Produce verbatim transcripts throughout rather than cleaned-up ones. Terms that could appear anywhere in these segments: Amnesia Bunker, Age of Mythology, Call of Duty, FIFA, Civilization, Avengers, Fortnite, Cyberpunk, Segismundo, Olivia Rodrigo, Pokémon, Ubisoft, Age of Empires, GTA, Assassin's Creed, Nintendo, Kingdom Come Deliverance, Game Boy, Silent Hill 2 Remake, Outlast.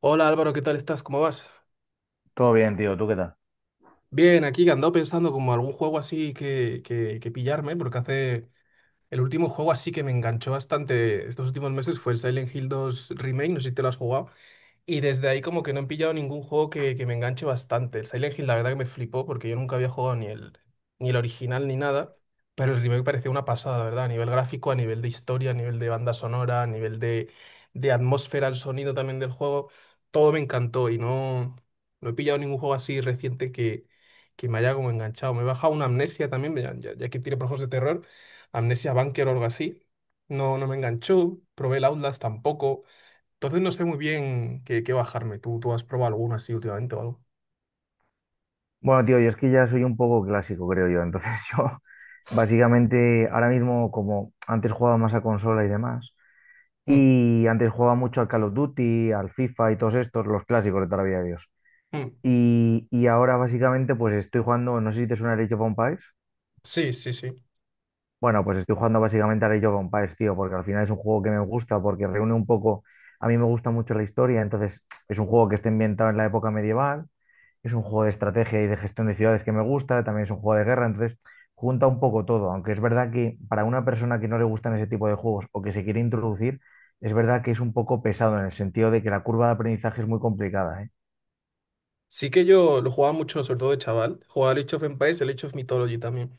Hola Álvaro, ¿qué tal estás? ¿Cómo vas? Todo bien, tío. ¿Tú qué tal? Bien, aquí que andado pensando como algún juego así que, que, que pillarme, porque hace el último juego así que me enganchó bastante estos últimos meses fue el Silent Hill dos Remake, no sé si te lo has jugado. Y desde ahí como que no he pillado ningún juego que, que me enganche bastante. El Silent Hill la verdad que me flipó porque yo nunca había jugado ni el, ni el original ni nada, pero el remake parecía una pasada, la ¿verdad? A nivel gráfico, a nivel de historia, a nivel de banda sonora, a nivel de, de atmósfera, el sonido también del juego, todo me encantó y no, no he pillado ningún juego así reciente que, que me haya como enganchado. Me he bajado una Amnesia también, ya, ya- ya que tiene por juegos de terror, Amnesia Bunker o algo así. No, no me enganchó, probé el Outlast tampoco. Entonces no sé muy bien qué, qué bajarme. ¿Tú, tú has probado alguna así últimamente o algo? Bueno, tío, yo es que ya soy un poco clásico, creo yo. Entonces yo, básicamente, ahora mismo, como antes jugaba más a consola y demás, Mm, y antes jugaba mucho al Call of Duty, al FIFA y todos estos, los clásicos de toda la vida de Dios. mm. Y, y ahora, básicamente, pues estoy jugando, no sé si te suena el Age of Empires. Sí, sí, sí. Bueno, pues estoy jugando básicamente al Age of Empires, tío, porque al final es un juego que me gusta, porque reúne un poco, a mí me gusta mucho la historia, entonces es un juego que está ambientado en la época medieval. Es un juego de estrategia y de gestión de ciudades que me gusta, también es un juego de guerra, entonces junta un poco todo, aunque es verdad que para una persona que no le gustan ese tipo de juegos o que se quiere introducir, es verdad que es un poco pesado en el sentido de que la curva de aprendizaje es muy complicada, ¿eh? Sí que yo lo jugaba mucho, sobre todo de chaval. Jugaba al Age of Empires, el Age of Mythology también.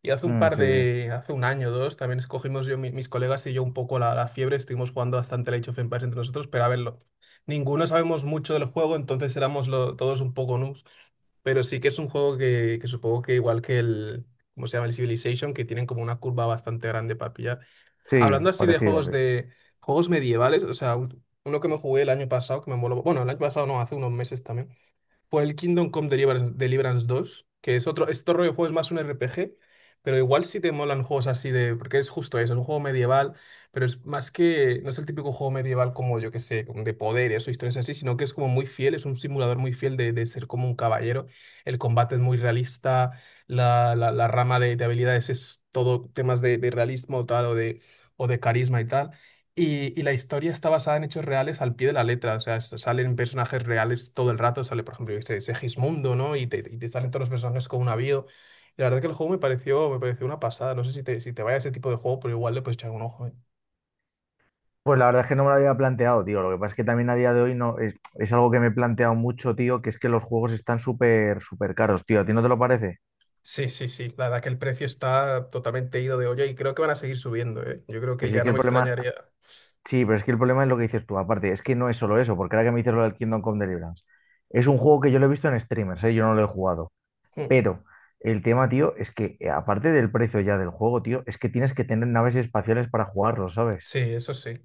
Y hace un Mm, par sí, sí, de, hace un año o dos, también escogimos yo, mi- mis colegas y yo un poco la, la fiebre. Estuvimos jugando bastante el Age of Empires entre nosotros, pero a verlo. Ninguno sabemos mucho del juego, entonces éramos lo- todos un poco noobs. Pero sí que es un juego que, que supongo que igual que el, ¿cómo se llama? El Civilization, que tienen como una curva bastante grande para pillar. sí, Hablando así de parecido, juegos sí. de juegos medievales, o sea, un- uno que me jugué el año pasado, que me moló, bueno, el año pasado no, hace unos meses también, por el Kingdom Come Deliverance, Deliverance dos, que es otro. Este rollo de juego es más un R P G, pero igual si te molan juegos así de, porque es justo eso, es un juego medieval, pero es más que, no es el típico juego medieval como yo que sé, como de poderes o historias así, sino que es como muy fiel, es un simulador muy fiel de, de ser como un caballero. El combate es muy realista, la, la- la rama de, de habilidades es todo temas de, de realismo tal o de, o de carisma y tal. Y, y la historia está basada en hechos reales al pie de la letra. O sea, s- salen personajes reales todo el rato, sale, por ejemplo, yo qué sé, Segismundo, ¿no? Y te, y te salen todos los personajes con una avión. Y la verdad que el juego me pareció, me pareció una pasada, no sé si te, si te vaya ese tipo de juego, pero igual le puedes echar un ojo, ¿eh? Pues la verdad es que no me lo había planteado, tío. Lo que pasa es que también a día de hoy no es, es algo que me he planteado mucho, tío, que es que los juegos están súper, súper caros, tío. ¿A ti no te lo parece? Sí, sí, sí, la verdad que el precio está totalmente ido de olla y creo que van a seguir subiendo, ¿eh? Yo creo que Pero si ya es que no el me problema, extrañaría. Sí, pero es que el problema es lo que dices tú. Aparte, es que no es solo eso, porque ahora que me dices lo del Kingdom Come Deliverance, es un juego que yo lo he visto en streamers, ¿eh? Yo no lo he jugado. Mm. Pero el tema, tío, es que eh, aparte del precio ya del juego, tío, es que tienes que tener naves espaciales para jugarlo, ¿sabes? Sí, eso sí.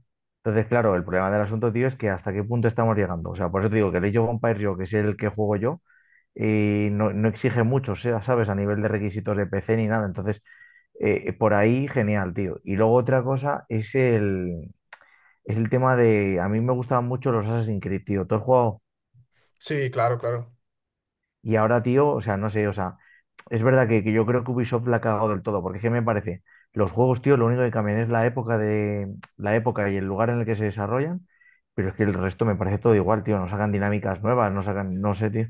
Entonces, claro, el problema del asunto, tío, es que hasta qué punto estamos llegando. O sea, por eso te digo que el Age of Empires, yo, que es el que juego yo, eh, no, no exige mucho, o sea, ¿sabes? A nivel de requisitos de P C ni nada. Entonces, eh, por ahí, genial, tío. Y luego otra cosa es el es el tema de, a mí me gustaban mucho los Assassin's Creed, tío, todo el juego. Sí, claro, claro. Y ahora, tío, o sea, no sé, o sea, es verdad que, que yo creo que Ubisoft la ha cagado del todo, porque es que me parece, los juegos, tío, lo único que cambian es la época de, la época y el lugar en el que se desarrollan, pero es que el resto me parece todo igual, tío, no sacan dinámicas nuevas, no sacan, no sé, tío.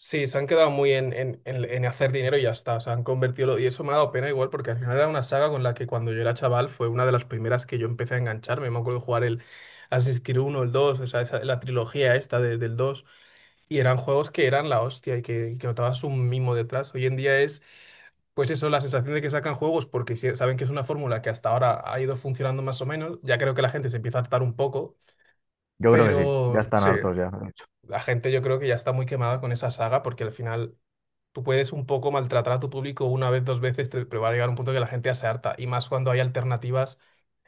Sí, se han quedado muy en, en, en- en hacer dinero y ya está. O sea, han convertido. lo- Y eso me ha dado pena igual, porque al final era una saga con la que cuando yo era chaval fue una de las primeras que yo empecé a engancharme. Me acuerdo jugar el Assassin's Creed uno, el dos, o sea, esa- la trilogía esta de- del dos. Y eran juegos que eran la hostia y que, y que notabas un mimo detrás. Hoy en día es, pues eso, la sensación de que sacan juegos porque si- saben que es una fórmula que hasta ahora ha ido funcionando más o menos. Ya creo que la gente se empieza a hartar un poco, Yo creo que sí, ya pero están sí. hartos ya, de hecho. La gente yo creo que ya está muy quemada con esa saga porque al final tú puedes un poco maltratar a tu público una vez, dos veces, te- pero va a llegar un punto que la gente ya se harta. Y más cuando hay alternativas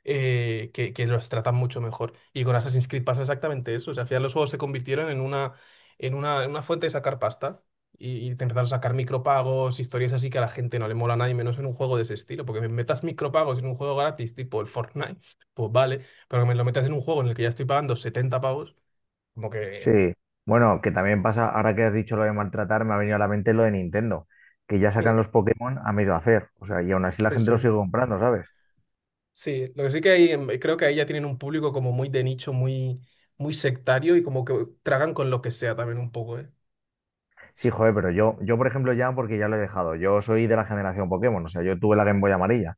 eh, que, que los tratan mucho mejor. Y con Assassin's Creed pasa exactamente eso. O sea, al final los juegos se convirtieron en una, en una, en una fuente de sacar pasta. Y, y te empezaron a sacar micropagos, historias así que a la gente no le mola nada y menos en un juego de ese estilo. Porque me metas micropagos en un juego gratis, tipo el Fortnite, pues vale. Pero que me lo metas en un juego en el que ya estoy pagando setenta pavos, como Sí, que... bueno, que también pasa, ahora que has dicho lo de maltratar, me ha venido a la mente lo de Nintendo, que ya sacan los Pokémon a medio hacer, o sea, y aún así la Sí, gente sí. los sigue comprando, ¿sabes? Sí, lo que sí que hay, em, creo que ahí ya tienen un público como muy de nicho, muy, muy sectario y como que tragan con lo que sea también un poco, ¿eh? Sí, joder, pero yo, yo, por ejemplo, ya, porque ya lo he dejado, yo soy de la generación Pokémon, o sea, yo tuve la Game Boy amarilla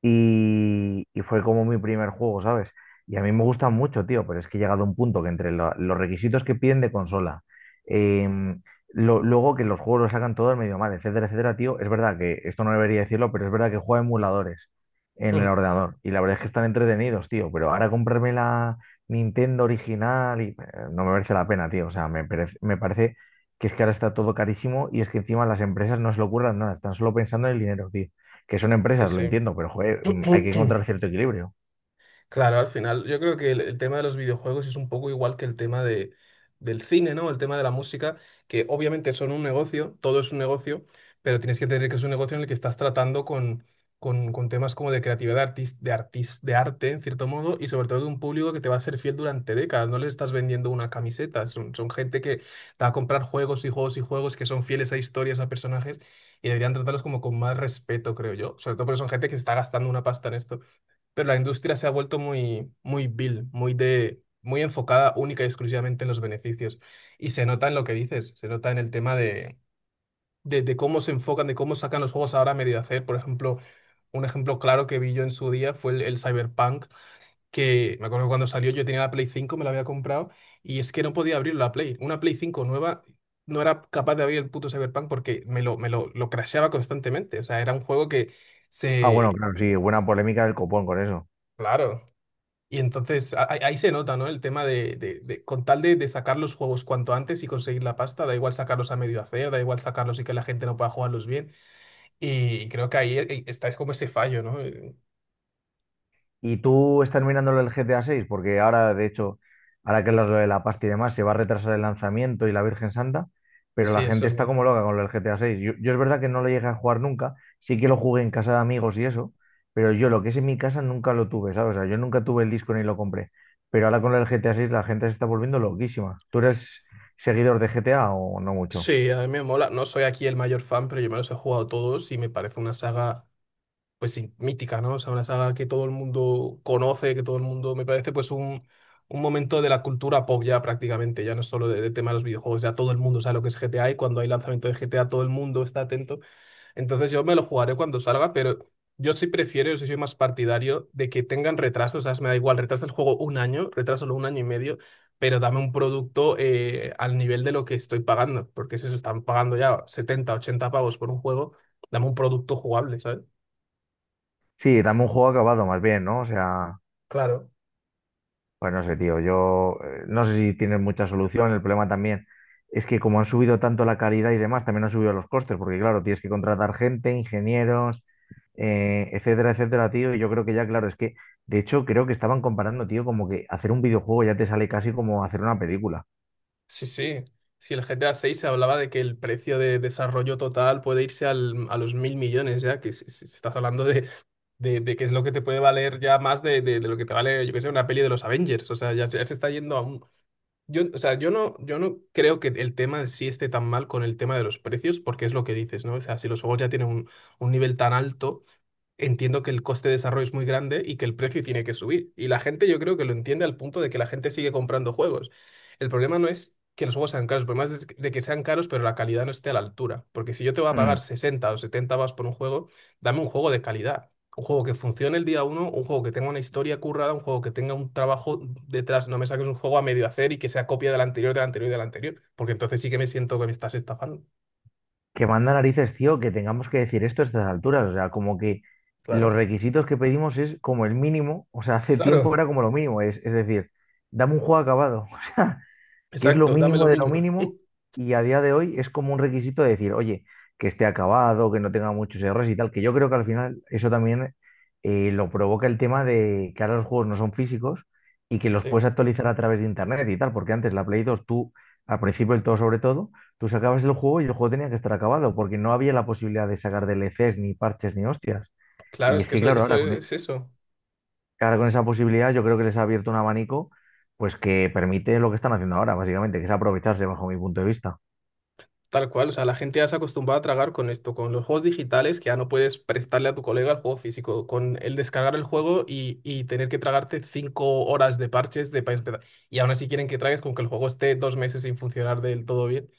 y, y fue como mi primer juego, ¿sabes? Y a mí me gustan mucho, tío, pero es que he llegado a un punto que entre lo- los requisitos que piden de consola, em, lo- luego que los juegos lo sacan todos medio mal, etcétera, etcétera, tío, es verdad que esto no debería decirlo, pero es verdad que juego a emuladores en el Mm. ordenador y la verdad es que están entretenidos, tío, pero ahora comprarme la Nintendo original y eh, no me merece la pena, tío, o sea, me parece, me parece que es que ahora está todo carísimo y es que encima las empresas no se lo ocurran nada, están solo pensando en el dinero, tío, que son empresas, lo Sí, entiendo, pero joder, mm, hay que sí. encontrar cierto equilibrio. Claro, al final yo creo que el, el tema de los videojuegos es un poco igual que el tema de, del cine, ¿no? El tema de la música, que obviamente son un negocio, todo es un negocio, pero tienes que tener que es un negocio en el que estás tratando con, con, con temas como de creatividad artis- de, artis- de arte, en cierto modo, y sobre todo de un público que te va a ser fiel durante décadas. No le estás vendiendo una camiseta, son, son gente que te va a comprar juegos y juegos y juegos que son fieles a historias, a personajes, y deberían tratarlos como con más respeto, creo yo, sobre todo porque son gente que se está gastando una pasta en esto. Pero la industria se ha vuelto muy, muy vil, muy de, muy enfocada única y exclusivamente en los beneficios. Y se nota en lo que dices, se nota en el tema de, de, de cómo se enfocan, de cómo sacan los juegos ahora a medio hacer. Por ejemplo, un ejemplo claro que vi yo en su día fue el, el Cyberpunk, que me acuerdo que cuando salió yo tenía la Play cinco, me la había comprado, y es que no podía abrir la Play. Una Play cinco nueva. No era capaz de abrir el puto Cyberpunk porque me lo, me lo, lo crasheaba constantemente. O sea, era un juego que Ah, bueno, se. claro, sí, buena polémica del copón con eso. Claro. Y entonces a- ahí ahí se nota, ¿no? El tema de, de- de- con tal de, de sacar los juegos cuanto antes y conseguir la pasta, da igual sacarlos a medio hacer, da igual sacarlos y que la gente no pueda jugarlos bien. Y creo que ahí eh, está, es como ese fallo, ¿no? Eh, ¿Y tú estás mirándolo el G T A seis? Porque ahora, de hecho, ahora que es lo de la pasta y demás, se va a retrasar el lanzamiento y la Virgen Santa, pero Sí, la gente eso está bien. como loca con lo del G T A seis. Yo, yo es verdad que no lo llegué a jugar nunca, sí que lo jugué en casa de amigos y eso, pero yo lo que es en mi casa nunca lo tuve, ¿sabes? O sea, yo nunca tuve el disco ni lo compré. Pero ahora con el G T A seis la gente se está volviendo loquísima. ¿Tú eres seguidor de G T A o no mucho? Sí, a mí me mola. No soy aquí el mayor fan, pero yo me los he jugado todos y me parece una saga, pues sí, mítica, ¿no? O sea, una saga que todo el mundo conoce, que todo el mundo me parece pues un, un momento de la cultura pop ya prácticamente. Ya no es solo de, de tema de los videojuegos, ya todo el mundo sabe lo que es G T A, y cuando hay lanzamiento de G T A todo el mundo está atento. Entonces yo me lo jugaré cuando salga, pero yo sí prefiero, yo sí soy más partidario de que tengan retrasos, ¿sabes? Me da igual, retrasa el juego un año, retrasalo un año y medio. Pero dame un producto eh, al nivel de lo que estoy pagando, porque si se están pagando ya setenta, ochenta pavos por un juego, dame un producto jugable, ¿sabes? Sí, dame un juego acabado más bien, ¿no? O sea, Claro. pues no sé, tío, yo eh, no sé si tienen mucha solución. El problema también es que como han subido tanto la calidad y demás, también han subido los costes, porque claro, tienes que contratar gente, ingenieros, eh, etcétera, etcétera, tío. Y yo creo que ya, claro, es que, de hecho, creo que estaban comparando, tío, como que hacer un videojuego ya te sale casi como hacer una película. Sí, sí. Si el GTA seis, se hablaba de que el precio de desarrollo total puede irse al- a los mil millones, ya que si- si- si estás hablando de, de, de qué es lo que te puede valer, ya más de, de- de lo que te vale, yo qué sé, una peli de los Avengers. O sea, ya, se ya se está yendo a un. Yo, o sea, yo no, yo no creo que el tema en sí esté tan mal con el tema de los precios, porque es lo que dices, ¿no? O sea, si los juegos ya tienen un, un nivel tan alto, entiendo que el coste de desarrollo es muy grande y que el precio tiene que subir. Y la gente yo creo que lo entiende al punto de que la gente sigue comprando juegos. El problema no es que los juegos sean caros, el problema es de que sean caros pero la calidad no esté a la altura. Porque si yo te voy a Mm. pagar sesenta o setenta vas por un juego, dame un juego de calidad. Un juego que funcione el día uno, un juego que tenga una historia currada, un juego que tenga un trabajo detrás. No me saques un juego a medio hacer y que sea copia del anterior, del anterior y del anterior. Porque entonces sí que me siento que me estás estafando. Que manda narices, tío, que tengamos que decir esto a estas alturas. O sea, como que los Claro, requisitos que pedimos es como el mínimo. O sea, hace claro, tiempo era como lo mínimo. Es, es decir, dame un juego acabado. O sea, que es lo exacto, dame mínimo lo de lo mínimo. mínimo y a día de hoy es como un requisito de decir, oye, que esté acabado, que no tenga muchos errores y tal, que yo creo que al final eso también eh, lo provoca el tema de que ahora los juegos no son físicos y que los Sí. puedes actualizar a través de internet y tal, porque antes la Play dos tú, al principio del todo sobre todo, tú sacabas el juego y el juego tenía que estar acabado, porque no había la posibilidad de sacar D L Cs ni parches ni hostias. Claro, Y es es que que eso, claro, eso ahora con, e, es eso, que ahora con esa posibilidad yo creo que les ha abierto un abanico pues que permite lo que están haciendo ahora, básicamente, que es aprovecharse bajo mi punto de vista. tal cual. O sea, la gente ya se ha acostumbrado a tragar con esto, con los juegos digitales, que ya no puedes prestarle a tu colega el juego físico, con el descargar el juego y, y tener que tragarte cinco horas de parches de para empezar. Y aún así quieren que tragues con que el juego esté dos meses sin funcionar del todo bien.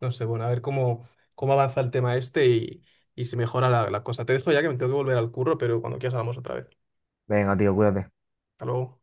No sé, bueno, a ver cómo, cómo avanza el tema este y, y si mejora la, la cosa. Te dejo, ya que me tengo que volver al curro, pero cuando quieras hablamos otra vez. Venga, tío, cuídate. Hasta luego.